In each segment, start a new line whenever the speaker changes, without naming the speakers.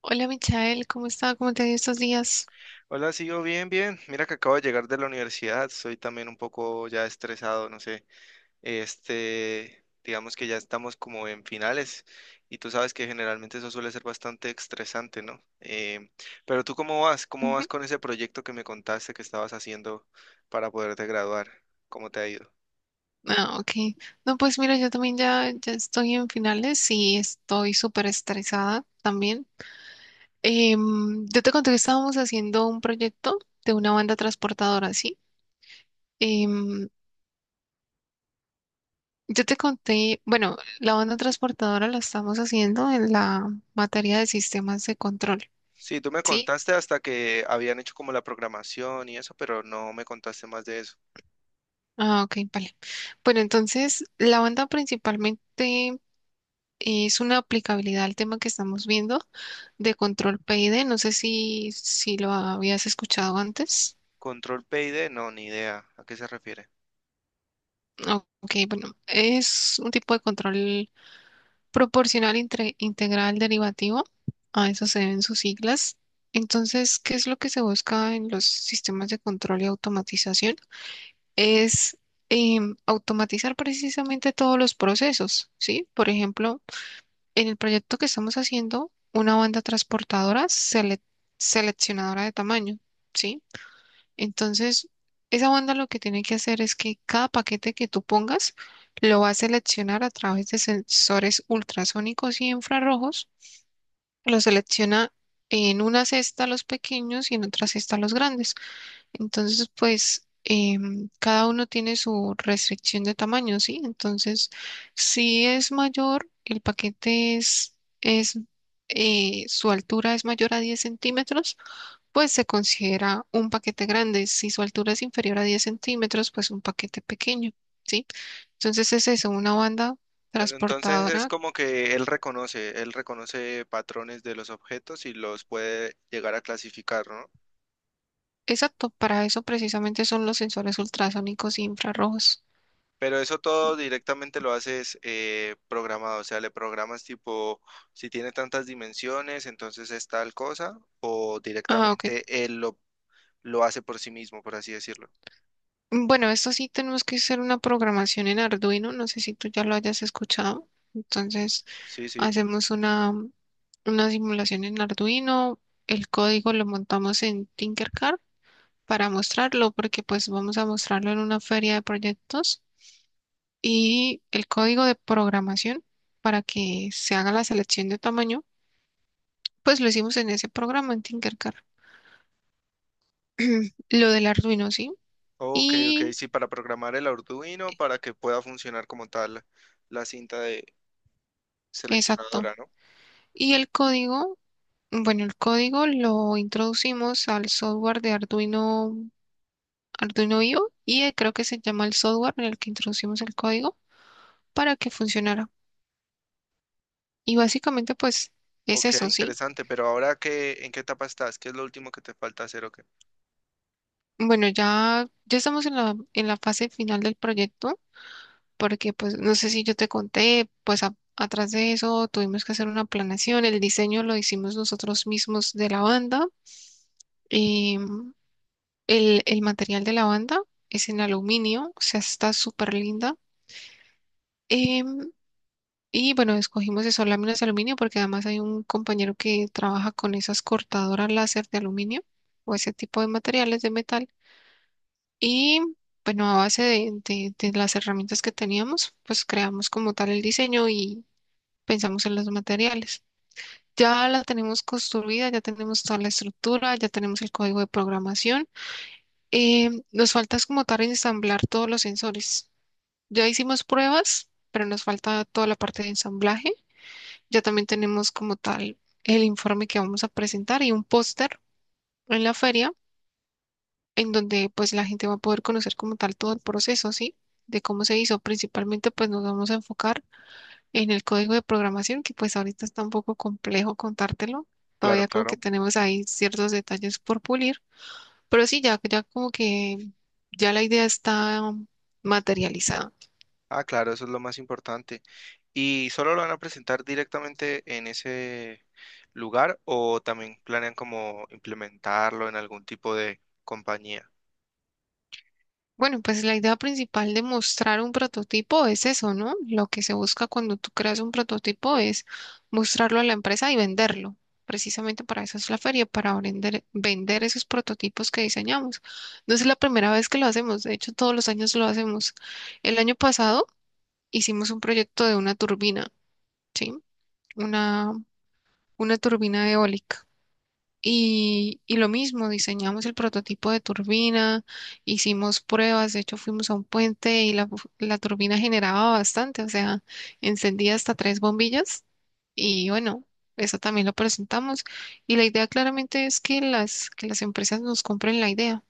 Hola Michael, ¿cómo está? ¿Cómo te ha ido estos días?
Hola, sí, yo bien, bien. Mira que acabo de llegar de la universidad, soy también un poco ya estresado, no sé. Este, digamos que ya estamos como en finales y tú sabes que generalmente eso suele ser bastante estresante, ¿no? Pero tú, ¿cómo vas? ¿Cómo vas
Ujú.
con ese proyecto que me contaste que estabas haciendo para poderte graduar? ¿Cómo te ha ido?
Ah, ok. No, pues mira, yo también ya estoy en finales y estoy súper estresada también. Yo te conté que estábamos haciendo un proyecto de una banda transportadora, ¿sí? Em, yo te conté, bueno, la banda transportadora la estamos haciendo en la materia de sistemas de control,
Sí, tú me
¿sí?
contaste hasta que habían hecho como la programación y eso, pero no me contaste más de eso.
Ah, ok, vale. Bueno, entonces, la banda principalmente es una aplicabilidad al tema que estamos viendo de Control PID. No sé si lo habías escuchado antes.
Control PID, no, ni idea. ¿A qué se refiere?
Ok, bueno, es un tipo de control proporcional integral derivativo. A eso se deben sus siglas. Entonces, ¿qué es lo que se busca en los sistemas de control y automatización? Es automatizar precisamente todos los procesos, ¿sí? Por ejemplo, en el proyecto que estamos haciendo, una banda transportadora seleccionadora de tamaño, ¿sí? Entonces, esa banda lo que tiene que hacer es que cada paquete que tú pongas lo va a seleccionar a través de sensores ultrasónicos y infrarrojos. Lo selecciona en una cesta los pequeños y en otra cesta los grandes. Entonces, pues cada uno tiene su restricción de tamaño, ¿sí? Entonces, si es mayor, el paquete es, su altura es mayor a 10 centímetros, pues se considera un paquete grande. Si su altura es inferior a 10 centímetros, pues un paquete pequeño, ¿sí? Entonces es eso, una banda
Pero entonces es
transportadora.
como que él reconoce patrones de los objetos y los puede llegar a clasificar, ¿no?
Exacto, para eso precisamente son los sensores ultrasónicos e infrarrojos.
Pero eso todo directamente lo haces programado, o sea, le programas tipo, si tiene tantas dimensiones, entonces es tal cosa, o
Ah, ok.
directamente lo hace por sí mismo, por así decirlo.
Bueno, esto sí tenemos que hacer una programación en Arduino, no sé si tú ya lo hayas escuchado. Entonces
Sí, sí.
hacemos una, una simulación en Arduino, el código lo montamos en Tinkercad para mostrarlo, porque pues vamos a mostrarlo en una feria de proyectos y el código de programación para que se haga la selección de tamaño, pues lo hicimos en ese programa en Tinkercad, lo del Arduino, ¿sí?
Ok, ok,
Y
sí, para programar el Arduino, para que pueda funcionar como tal la cinta de
exacto.
seleccionadora, ¿no?
Y el código, bueno, el código lo introducimos al software de Arduino, Arduino IO y creo que se llama el software en el que introducimos el código para que funcionara. Y básicamente pues es
Ok,
eso, ¿sí?
interesante, pero ahora qué, ¿en qué etapa estás? ¿Qué es lo último que te falta hacer o qué?
Bueno, ya estamos en en la fase final del proyecto, porque pues no sé si yo te conté, pues atrás de eso tuvimos que hacer una planeación, el diseño lo hicimos nosotros mismos de la banda, y el material de la banda es en aluminio, o sea, está súper linda. em, y bueno, escogimos eso, láminas de aluminio, porque además hay un compañero que trabaja con esas cortadoras láser de aluminio o ese tipo de materiales de metal. Y bueno, a base de las herramientas que teníamos, pues creamos como tal el diseño y pensamos en los materiales. Ya la tenemos construida, ya tenemos toda la estructura, ya tenemos el código de programación. Nos falta es como tal ensamblar todos los sensores. Ya hicimos pruebas, pero nos falta toda la parte de ensamblaje. Ya también tenemos como tal el informe que vamos a presentar y un póster en la feria en donde pues la gente va a poder conocer como tal todo el proceso, ¿sí? De cómo se hizo. Principalmente pues nos vamos a enfocar en el código de programación, que pues ahorita está un poco complejo contártelo.
Claro,
Todavía como que
claro.
tenemos ahí ciertos detalles por pulir, pero sí, ya como que ya la idea está materializada.
Ah, claro, eso es lo más importante. ¿Y solo lo van a presentar directamente en ese lugar o también planean como implementarlo en algún tipo de compañía?
Bueno, pues la idea principal de mostrar un prototipo es eso, ¿no? Lo que se busca cuando tú creas un prototipo es mostrarlo a la empresa y venderlo. Precisamente para eso es la feria, para vender, vender esos prototipos que diseñamos. No es la primera vez que lo hacemos, de hecho todos los años lo hacemos. El año pasado hicimos un proyecto de una turbina, ¿sí? Una, una turbina eólica. Y lo mismo, diseñamos el prototipo de turbina, hicimos pruebas, de hecho fuimos a un puente y la turbina generaba bastante, o sea, encendía hasta tres bombillas y bueno, eso también lo presentamos. Y la idea claramente es que que las empresas nos compren la idea.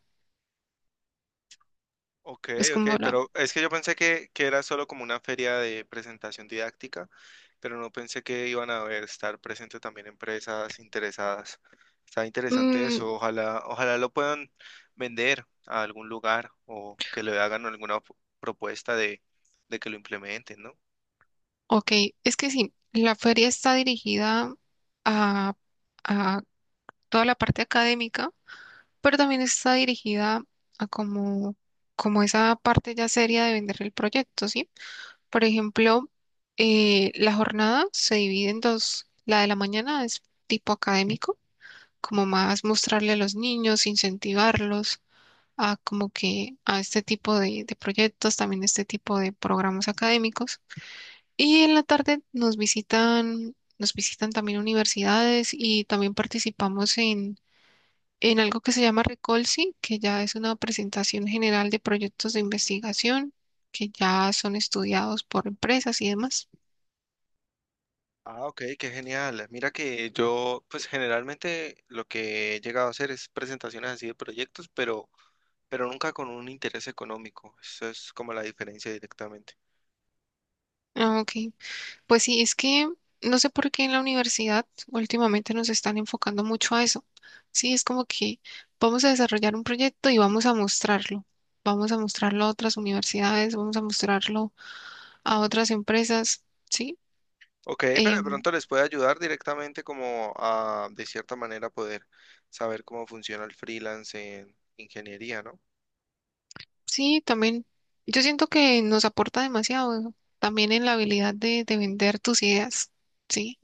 Ok,
Es
ok,
como la...
pero es que yo pensé que era solo como una feria de presentación didáctica, pero no pensé que iban a haber, estar presentes también empresas interesadas. Está interesante eso,
Mm,
ojalá lo puedan vender a algún lugar o que le hagan alguna propuesta de que lo implementen, ¿no?
ok, es que sí, la feria está dirigida a, a toda la parte académica, pero también está dirigida a como, como esa parte ya seria de vender el proyecto, ¿sí? Por ejemplo, la jornada se divide en dos. La de la mañana es tipo académico, como más mostrarle a los niños, incentivarlos a como que a este tipo de proyectos, también este tipo de programas académicos. Y en la tarde nos visitan también universidades y también participamos en algo que se llama Recolsi, que ya es una presentación general de proyectos de investigación que ya son estudiados por empresas y demás.
Ah, ok, qué genial. Mira que yo, pues generalmente lo que he llegado a hacer es presentaciones así de proyectos, pero nunca con un interés económico. Eso es como la diferencia directamente.
Ah, ok, pues sí, es que no sé por qué en la universidad últimamente nos están enfocando mucho a eso. Sí, es como que vamos a desarrollar un proyecto y vamos a mostrarlo. Vamos a mostrarlo a otras universidades, vamos a mostrarlo a otras empresas, ¿sí?
Ok, pero de
Em,
pronto les puede ayudar directamente como a, de cierta manera, poder saber cómo funciona el freelance en ingeniería, ¿no?
sí, también. Yo siento que nos aporta demasiado, también en la habilidad de vender tus ideas. Sí,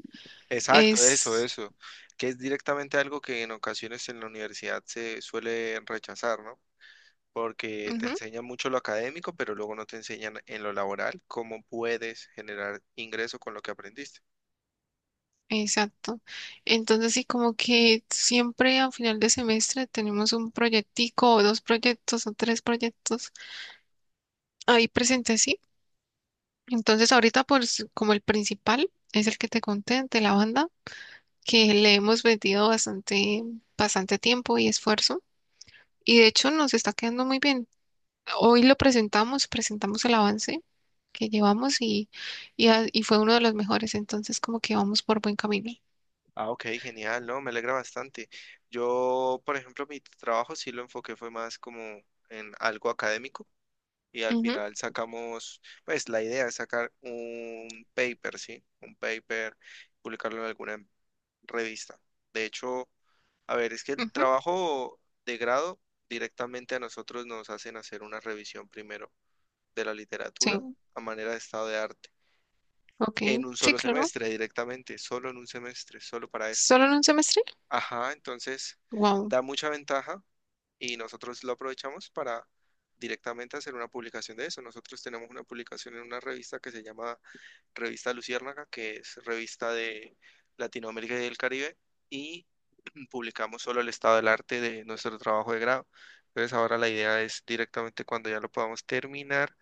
Exacto, eso,
es.
eso, que es directamente algo que en ocasiones en la universidad se suele rechazar, ¿no? Porque te
Ujú,
enseñan mucho lo académico, pero luego no te enseñan en lo laboral cómo puedes generar ingreso con lo que aprendiste.
exacto. Entonces, sí, como que siempre a final de semestre tenemos un proyectico, o dos proyectos, o tres proyectos ahí presentes, sí. Entonces, ahorita, pues, como el principal es el que te conté de la banda, que le hemos metido bastante tiempo y esfuerzo. Y de hecho, nos está quedando muy bien. Hoy lo presentamos, presentamos el avance que llevamos y fue uno de los mejores, entonces como que vamos por buen camino.
Ah, ok, genial, ¿no? Me alegra bastante. Yo, por ejemplo, mi trabajo sí lo enfoqué fue más como en algo académico y al
Ujú,
final sacamos, pues la idea es sacar un paper, ¿sí? Un paper, publicarlo en alguna revista. De hecho, a ver, es que el
ujú,
trabajo de grado directamente a nosotros nos hacen hacer una revisión primero de la
sí,
literatura a manera de estado de arte, en
ok,
un
sí,
solo
claro.
semestre directamente, solo en un semestre, solo para eso.
¿Solo en un semestre?
Ajá, entonces
Wow.
da mucha ventaja y nosotros lo aprovechamos para directamente hacer una publicación de eso. Nosotros tenemos una publicación en una revista que se llama Revista Luciérnaga, que es revista de Latinoamérica y del Caribe, y publicamos solo el estado del arte de nuestro trabajo de grado. Entonces ahora la idea es directamente cuando ya lo podamos terminar,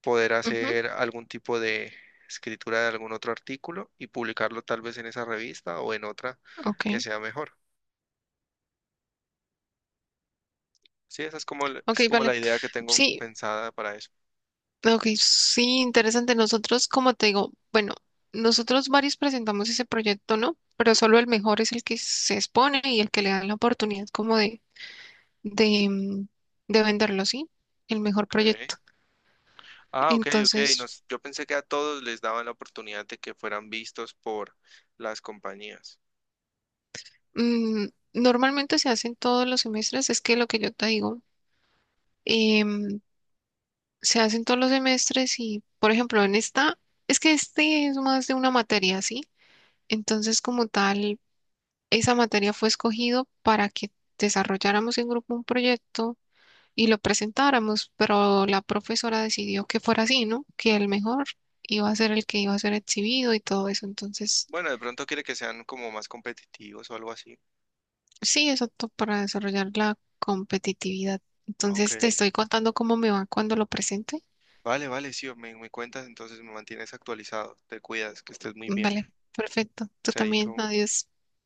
poder
Ujú,
hacer algún tipo de escritura de algún otro artículo y publicarlo tal vez en esa revista o en otra que
ok,
sea mejor. Sí, esa es como,
ok,
es como la
vale.
idea que tengo
Sí,
pensada para eso.
ok, sí, interesante. Nosotros, como te digo, bueno, nosotros varios presentamos ese proyecto, ¿no? Pero solo el mejor es el que se expone y el que le dan la oportunidad como de, mm, de venderlo, ¿sí? El mejor
Ok.
proyecto.
Ah, ok, ok.
Entonces,
Nos, yo pensé que a todos les daban la oportunidad de que fueran vistos por las compañías.
Mm, normalmente se hacen todos los semestres, es que lo que yo te digo, em, se hacen todos los semestres y, por ejemplo, en esta, es que este es más de una materia, ¿sí? Entonces, como tal, esa materia fue escogido para que desarrolláramos en grupo un proyecto y lo presentáramos, pero la profesora decidió que fuera así, ¿no? Que el mejor iba a ser el que iba a ser exhibido y todo eso, entonces...
Bueno, de pronto quiere que sean como más competitivos o algo así.
Sí, exacto, para desarrollar la competitividad.
Ok.
Entonces, te estoy contando cómo me va cuando lo presente.
Vale, vale, sí, me cuentas, entonces me mantienes actualizado. Te cuidas, que estés muy bien.
Vale, perfecto. Tú también,
Chaito.
adiós.